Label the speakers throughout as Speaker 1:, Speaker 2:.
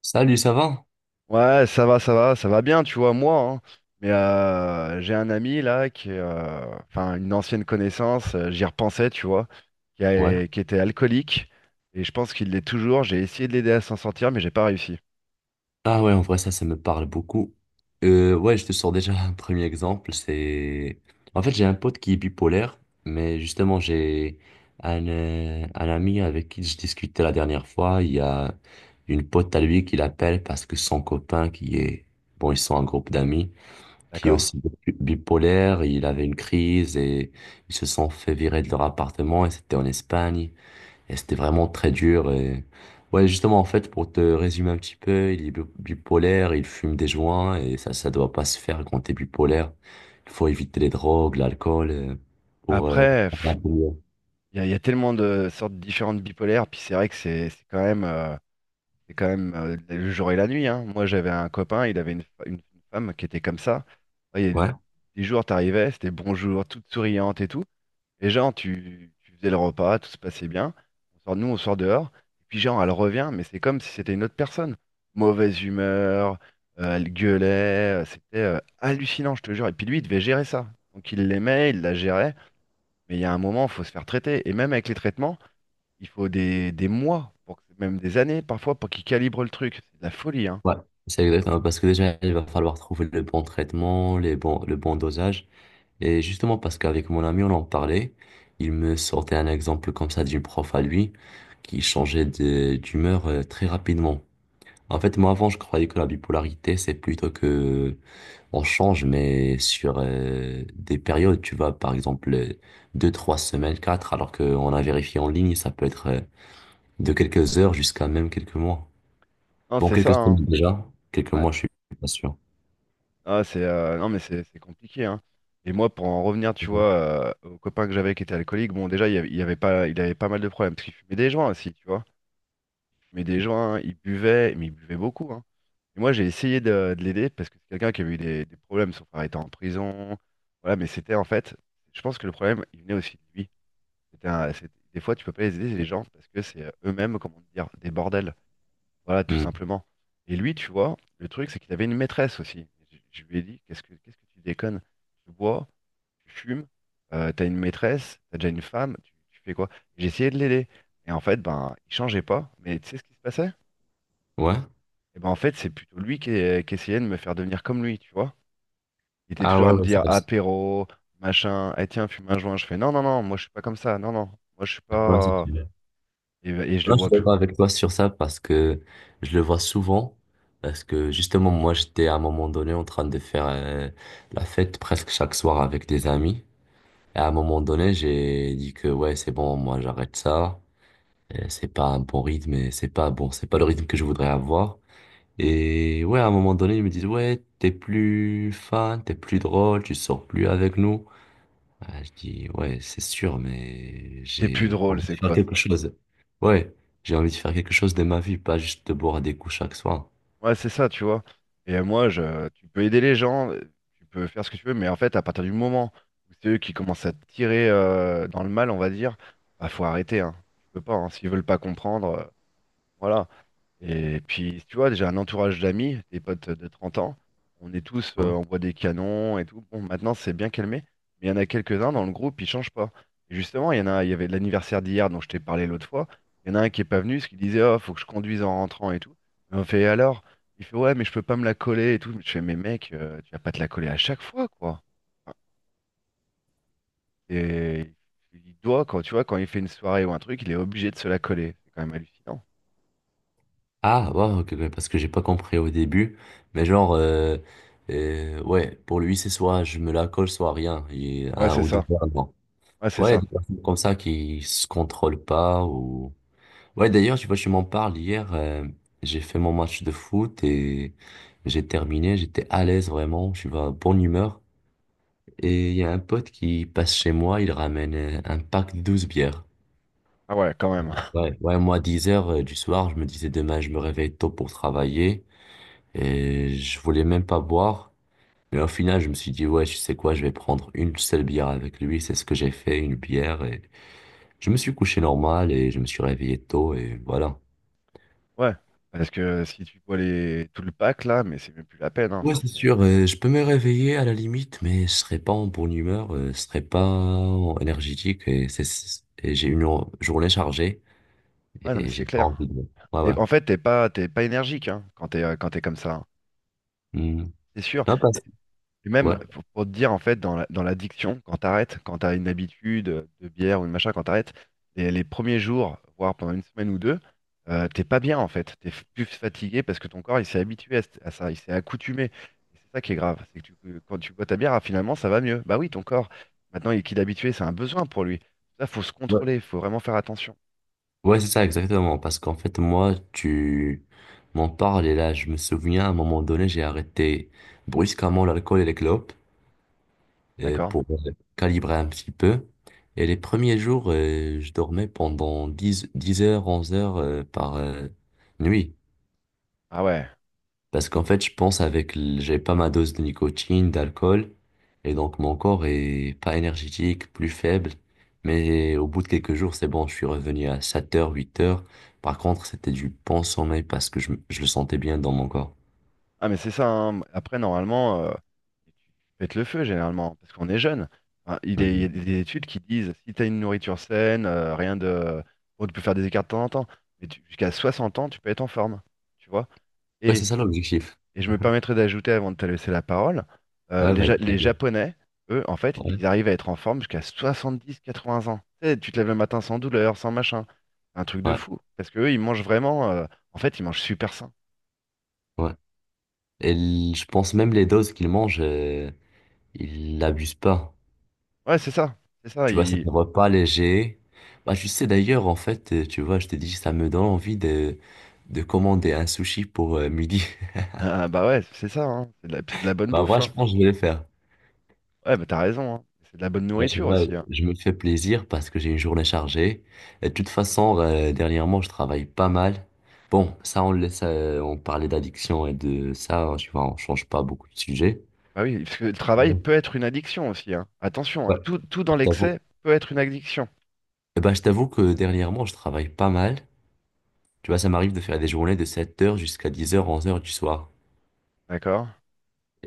Speaker 1: Salut, ça va?
Speaker 2: Ouais, ça va, ça va, ça va bien, tu vois, moi, hein. Mais j'ai un ami là qui est, une ancienne connaissance, j'y repensais, tu vois,
Speaker 1: Ouais.
Speaker 2: qui était alcoolique et je pense qu'il l'est toujours. J'ai essayé de l'aider à s'en sortir, mais j'ai pas réussi.
Speaker 1: Ah ouais, en vrai, ça me parle beaucoup. Ouais, je te sors déjà un premier exemple. C'est... En fait, j'ai un pote qui est bipolaire, mais justement, j'ai un ami avec qui je discutais la dernière fois. Il y a une pote à lui qui l'appelle parce que son copain qui est... Bon, ils sont un groupe d'amis qui est
Speaker 2: D'accord?
Speaker 1: aussi bipolaire. Il avait une crise et ils se sont fait virer de leur appartement et c'était en Espagne. Et c'était vraiment très dur. Et... Ouais, justement, en fait, pour te résumer un petit peu, il est bipolaire, il fume des joints et ça doit pas se faire quand t'es bipolaire. Il faut éviter les drogues, l'alcool, pour
Speaker 2: Après,
Speaker 1: avoir un peu mieux.
Speaker 2: il y, a y a tellement de sortes différentes bipolaires, puis c'est vrai que c'est quand même, c'est quand même le jour et la nuit, hein. Moi, j'avais un copain, il avait une femme qui était comme ça. Et
Speaker 1: Ouais,
Speaker 2: des jours, t'arrivais, c'était bonjour, toute souriante et tout. Et genre, tu faisais le repas, tout se passait bien. On sort, nous, on sort dehors. Et puis genre, elle revient, mais c'est comme si c'était une autre personne. Mauvaise humeur, elle gueulait, c'était hallucinant, je te jure. Et puis lui, il devait gérer ça. Donc il l'aimait, il la gérait. Mais il y a un moment, il faut se faire traiter. Et même avec les traitements, il faut des mois, pour que- même des années parfois, pour qu'il calibre le truc. C'est de la folie, hein.
Speaker 1: ouais, c'est exactement parce que déjà, il va falloir trouver le bon traitement, les bons, le bon dosage. Et justement, parce qu'avec mon ami, on en parlait, il me sortait un exemple comme ça d'une prof à lui qui changeait d'humeur, très rapidement. En fait, moi, avant, je croyais que la bipolarité, c'est plutôt que on change, mais sur des périodes, tu vois, par exemple, deux, trois semaines, quatre, alors qu'on a vérifié en ligne, ça peut être de quelques heures jusqu'à même quelques mois.
Speaker 2: Non,
Speaker 1: Bon,
Speaker 2: c'est
Speaker 1: quelques
Speaker 2: ça, hein.
Speaker 1: semaines déjà, quelques
Speaker 2: Ouais.
Speaker 1: mois, je suis pas sûr.
Speaker 2: Ah, c'est non mais c'est compliqué, hein. Et moi pour en revenir tu
Speaker 1: Mhm.
Speaker 2: vois au copain que j'avais qui était alcoolique, bon déjà il avait pas mal de problèmes parce qu'il fumait des joints aussi, tu vois. Il fumait des joints, il buvait, mais il buvait beaucoup, hein. Et moi j'ai essayé de l'aider parce que c'est quelqu'un qui avait eu des problèmes, son frère était en prison, voilà, mais c'était en fait, je pense que le problème il venait aussi de lui. Des fois tu peux pas les aider les gens parce que c'est eux-mêmes comment dire des bordels. Voilà, tout
Speaker 1: Hmm.
Speaker 2: simplement. Et lui, tu vois, le truc, c'est qu'il avait une maîtresse aussi. Je lui ai dit, qu'est-ce que tu déconnes? Tu bois, tu fumes, t'as une maîtresse, t'as déjà une femme, tu fais quoi? J'ai essayé de l'aider. Et en fait, ben, il changeait pas. Mais tu sais ce qui se passait?
Speaker 1: Ouais.
Speaker 2: Et ben, en fait, c'est plutôt qui essayait de me faire devenir comme lui, tu vois. Il était
Speaker 1: Ah
Speaker 2: toujours à
Speaker 1: ouais,
Speaker 2: me
Speaker 1: ouais, c'est
Speaker 2: dire
Speaker 1: comme ça.
Speaker 2: apéro, machin, eh tiens, fume un joint. Je fais non, non, non, moi je suis pas comme ça, non, non, moi je suis
Speaker 1: Ouais, c'est
Speaker 2: pas.
Speaker 1: sûr.
Speaker 2: Et je le
Speaker 1: Là, je
Speaker 2: vois
Speaker 1: suis
Speaker 2: plus.
Speaker 1: d'accord avec toi sur ça parce que je le vois souvent. Parce que justement, moi, j'étais à un moment donné en train de faire la fête presque chaque soir avec des amis. Et à un moment donné, j'ai dit que ouais, c'est bon, moi j'arrête ça. Et c'est pas un bon rythme et c'est pas bon, c'est pas le rythme que je voudrais avoir. Et ouais, à un moment donné, ils me disent ouais, t'es plus fun, t'es plus drôle, tu sors plus avec nous. Ah, je dis ouais, c'est sûr, mais
Speaker 2: T'es plus
Speaker 1: j'ai
Speaker 2: drôle,
Speaker 1: envie de
Speaker 2: c'est
Speaker 1: faire
Speaker 2: quoi
Speaker 1: quelque
Speaker 2: ça?
Speaker 1: chose. Ouais, j'ai envie de faire quelque chose de ma vie, pas juste de boire des coups chaque soir.
Speaker 2: Ouais, c'est ça, tu vois. Et tu peux aider les gens, tu peux faire ce que tu veux, mais en fait, à partir du moment où c'est eux qui commencent à te tirer dans le mal, on va dire, bah faut arrêter, hein. Tu peux pas, hein. S'ils veulent pas comprendre, voilà. Et puis, tu vois, j'ai un entourage d'amis, des potes de 30 ans. On est tous, on boit des canons et tout. Bon, maintenant, c'est bien calmé. Mais il y en a quelques-uns dans le groupe, ils changent pas. Et justement, il y en a, il y avait l'anniversaire d'hier dont je t'ai parlé l'autre fois. Il y en a un qui est pas venu, parce qu'il disait, oh, faut que je conduise en rentrant et tout. Et on fait, et alors? Il fait, ouais, mais je peux pas me la coller et tout. Je fais, mais mec, tu vas pas te la coller à chaque fois, quoi. Enfin, Et il doit, quand tu vois, quand il fait une soirée ou un truc, il est obligé de se la coller. C'est quand même hallucinant.
Speaker 1: Ah, ouais, ok, ok, parce que j'ai pas compris au début. Mais genre, ouais, pour lui, c'est soit je me la colle, soit rien.
Speaker 2: Ouais,
Speaker 1: Un
Speaker 2: c'est
Speaker 1: ou deux
Speaker 2: ça.
Speaker 1: fois, non.
Speaker 2: Ouais, c'est
Speaker 1: Ouais, il y a
Speaker 2: ça.
Speaker 1: des personnes comme ça qui se contrôlent pas ou... Ouais, d'ailleurs, tu vois, je m'en parle hier. J'ai fait mon match de foot et j'ai terminé. J'étais à l'aise vraiment. Je suis en bonne humeur. Et il y a un pote qui passe chez moi. Il ramène un pack de 12 bières.
Speaker 2: Ah ouais, quand même.
Speaker 1: Ouais, ouais, moi, 10 heures du soir, je me disais demain, je me réveille tôt pour travailler. Et je voulais même pas boire. Mais au final, je me suis dit, ouais, tu sais quoi, je vais prendre une seule bière avec lui. C'est ce que j'ai fait, une bière. Et je me suis couché normal et je me suis réveillé tôt et voilà.
Speaker 2: Ouais. Parce que si tu vois les tout le pack là, mais c'est même plus la peine, hein.
Speaker 1: Ouais,
Speaker 2: Enfin,
Speaker 1: c'est
Speaker 2: c'est-
Speaker 1: sûr. Je peux me réveiller à la limite, mais je serai pas en bonne humeur, je serai pas énergétique et j'ai une journée chargée
Speaker 2: ouais, non, mais
Speaker 1: et
Speaker 2: c'est
Speaker 1: j'ai pas
Speaker 2: clair.
Speaker 1: envie de. Ouais, ouais.
Speaker 2: T'es- En fait, t'es pas énergique, hein, quand t'es comme ça, hein.
Speaker 1: Hmm.
Speaker 2: C'est sûr.
Speaker 1: Non.
Speaker 2: Puis même,
Speaker 1: Ouais.
Speaker 2: pour te dire, en fait, dans l'addiction, quand t'arrêtes, quand t'as une habitude de bière ou de machin, quand t'arrêtes, les premiers jours, voire pendant une semaine ou deux, t'es pas bien, en fait. T'es f- plus fatigué parce que ton corps, il s'est habitué à ça, il s'est accoutumé. Et c'est ça qui est grave, c'est que tu- que quand tu bois ta bière, ah, finalement, ça va mieux. Bah oui, ton corps, maintenant, il est habitué, c'est un besoin pour lui. Ça, faut se contrôler, faut vraiment faire attention.
Speaker 1: Ouais, c'est ça, exactement. Parce qu'en fait, moi, tu m'en parles et là, je me souviens, à un moment donné, j'ai arrêté brusquement l'alcool et les clopes euh,
Speaker 2: D'accord?
Speaker 1: pour euh, calibrer un petit peu. Et les premiers jours, je dormais pendant dix heures, 11 heures par nuit.
Speaker 2: Ah ouais.
Speaker 1: Parce qu'en fait, je pense avec, j'ai pas ma dose de nicotine, d'alcool, et donc mon corps est pas énergétique, plus faible. Mais au bout de quelques jours, c'est bon, je suis revenu à 7 heures, 8 heures. Par contre, c'était du bon sommeil parce que je le sentais bien dans mon corps.
Speaker 2: Ah mais c'est ça, hein. Après normalement, pète le feu généralement, parce qu'on est jeune. Enfin, il est- il y a
Speaker 1: Mhm.
Speaker 2: des études qui disent si tu as une nourriture saine, rien de. Bon, tu peux faire des écarts de temps en temps, mais tu- jusqu'à 60 ans, tu peux être en forme, tu vois.
Speaker 1: Ouais, c'est
Speaker 2: Et,
Speaker 1: ça l'objectif.
Speaker 2: et je me permettrai d'ajouter avant de te laisser la parole,
Speaker 1: Ouais, va être
Speaker 2: Les
Speaker 1: tagué.
Speaker 2: Japonais, eux, en fait,
Speaker 1: Ouais,
Speaker 2: ils arrivent à être en forme jusqu'à 70-80 ans. Tu sais, tu te lèves le matin sans douleur, sans machin. Un truc de
Speaker 1: ouais,
Speaker 2: fou. Parce que eux, ils mangent vraiment, en fait, ils mangent super sain.
Speaker 1: ouais. Et je pense même les doses qu'il mange, il l'abuse pas.
Speaker 2: Ouais, c'est ça. C'est ça.
Speaker 1: Tu vois, c'est un repas léger. Bah, tu sais, d'ailleurs, en fait, tu vois, je t'ai dit, ça me donne envie de commander un sushi pour midi.
Speaker 2: Ah bah ouais, c'est ça, hein. C'est de la bonne
Speaker 1: Bah,
Speaker 2: bouffe,
Speaker 1: moi, je
Speaker 2: hein.
Speaker 1: pense que je vais le faire.
Speaker 2: Ouais, bah t'as raison, hein. C'est de la bonne
Speaker 1: Moi, tu
Speaker 2: nourriture
Speaker 1: vois,
Speaker 2: aussi, hein.
Speaker 1: je me fais plaisir parce que j'ai une journée chargée. Et de toute façon, dernièrement, je travaille pas mal. Bon, ça, on le laisse, on parlait d'addiction et de ça, hein, tu vois, on change pas beaucoup de sujets.
Speaker 2: Bah oui, parce que le travail
Speaker 1: Ouais.
Speaker 2: peut être une addiction aussi, hein. Attention, hein,
Speaker 1: Ouais.
Speaker 2: tout, tout dans
Speaker 1: Je t'avoue.
Speaker 2: l'excès peut être une addiction,
Speaker 1: Eh ben, je t'avoue que dernièrement, je travaille pas mal. Tu vois, ça m'arrive de faire des journées de 7 heures jusqu'à 10 heures 11 heures du soir.
Speaker 2: d'accord?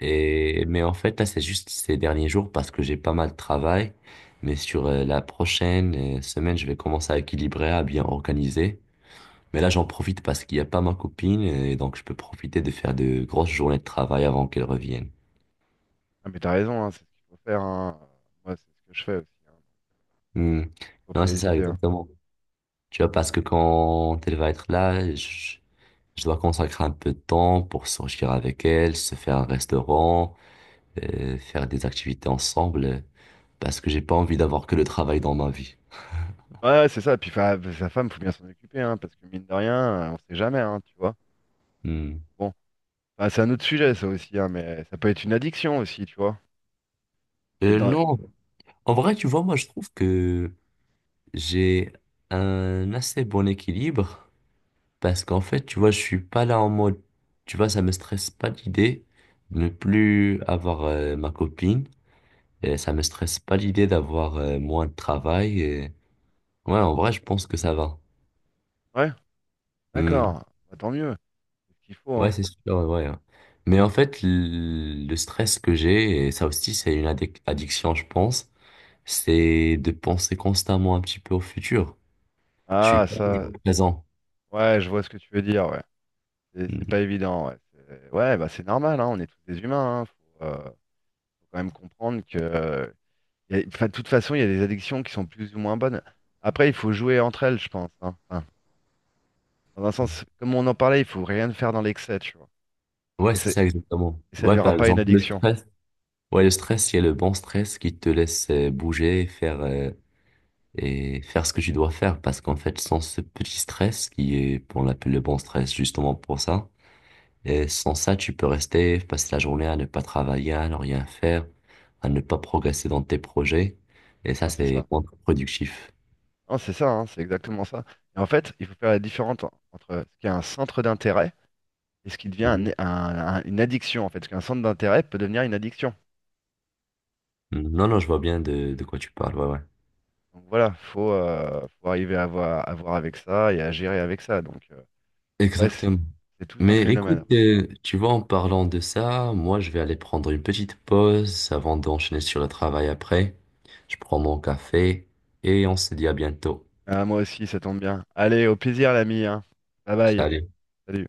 Speaker 1: Et, mais en fait, là, c'est juste ces derniers jours parce que j'ai pas mal de travail. Mais sur la prochaine semaine, je vais commencer à équilibrer, à bien organiser. Mais là, j'en profite parce qu'il n'y a pas ma copine et donc je peux profiter de faire de grosses journées de travail avant qu'elle revienne.
Speaker 2: Ah mais t'as raison, hein, c'est ce qu'il faut faire, hein. Moi, c'est ce que je fais aussi, hein.
Speaker 1: Hmm.
Speaker 2: Faut
Speaker 1: Non,
Speaker 2: pas
Speaker 1: c'est ça,
Speaker 2: hésiter, hein.
Speaker 1: exactement. Tu
Speaker 2: Donc
Speaker 1: vois,
Speaker 2: bon.
Speaker 1: parce que quand elle va être là, je dois consacrer un peu de temps pour sortir avec elle, se faire un restaurant, faire des activités ensemble, parce que j'ai pas envie d'avoir que le travail dans ma vie.
Speaker 2: Ouais, ouais, c'est ça. Puis fa- sa femme, faut bien s'en occuper, hein, parce que mine de rien, on sait jamais, hein, tu vois.
Speaker 1: Hmm.
Speaker 2: Bon, enfin, c'est un autre sujet, ça aussi, hein, mais ça peut être une addiction aussi, tu vois. Il y a
Speaker 1: Euh,
Speaker 2: dans-
Speaker 1: non, en vrai, tu vois, moi, je trouve que j'ai un assez bon équilibre parce qu'en fait, tu vois, je suis pas là en mode, tu vois, ça me stresse pas l'idée de ne plus avoir ma copine et ça me stresse pas l'idée d'avoir moins de travail. Ouais, en vrai, je pense que ça va.
Speaker 2: ouais,
Speaker 1: Hmm.
Speaker 2: d'accord. Bah, tant mieux, c'est ce qu'il faut,
Speaker 1: Ouais,
Speaker 2: hein.
Speaker 1: c'est sûr, ouais. Ouais. Ouais. Mais en fait, le stress que j'ai, et ça aussi, c'est une addiction, je pense, c'est de penser constamment un petit peu au futur. Je suis
Speaker 2: Ah,
Speaker 1: pas
Speaker 2: ça.
Speaker 1: toujours présent.
Speaker 2: Ouais, je vois ce que tu veux dire, ouais. C'est
Speaker 1: Mm.
Speaker 2: pas évident, ouais. C'est- Ouais, bah c'est normal, hein, on est tous des humains, hein. Faut, faut quand même comprendre que, y a- enfin, de toute façon, il y a des addictions qui sont plus ou moins bonnes. Après, il faut jouer entre elles, je pense, hein. Enfin, dans un sens, comme on en parlait, il faut rien faire dans l'excès, tu vois.
Speaker 1: Ouais,
Speaker 2: Et,
Speaker 1: c'est
Speaker 2: c'est-
Speaker 1: ça exactement.
Speaker 2: et ça ne
Speaker 1: Ouais,
Speaker 2: durera
Speaker 1: par
Speaker 2: pas une
Speaker 1: exemple, le
Speaker 2: addiction.
Speaker 1: stress. Ouais, le stress, il y a le bon stress qui te laisse bouger et faire ce que tu dois faire. Parce qu'en fait, sans ce petit stress, qui est, on l'appelle le bon stress justement pour ça, et sans ça, tu peux rester, passer la journée à ne pas travailler, à ne rien faire, à ne pas progresser dans tes projets. Et ça,
Speaker 2: Hein, c'est
Speaker 1: c'est
Speaker 2: ça.
Speaker 1: contre-productif.
Speaker 2: Non, c'est ça, hein, c'est exactement ça. Et en fait, il faut faire la différence en- entre ce qui est un centre d'intérêt et ce qui devient
Speaker 1: Mhm.
Speaker 2: un- une addiction, en fait. Ce qu'un centre d'intérêt peut devenir une addiction.
Speaker 1: Mm, non, non, je vois bien de quoi tu parles. Ouais, ouais.
Speaker 2: Donc voilà, faut, faut arriver à voir avec ça et à gérer avec ça. Donc après, c'est
Speaker 1: Exactement.
Speaker 2: c'est tout un
Speaker 1: Mais
Speaker 2: phénomène.
Speaker 1: écoute, tu vois, en parlant de ça, moi, je vais aller prendre une petite pause avant d'enchaîner sur le travail après. Je prends mon café et on se dit à bientôt.
Speaker 2: Ah, moi aussi, ça tombe bien. Allez, au plaisir, l'ami, hein. Bye bye.
Speaker 1: Salut.
Speaker 2: Salut.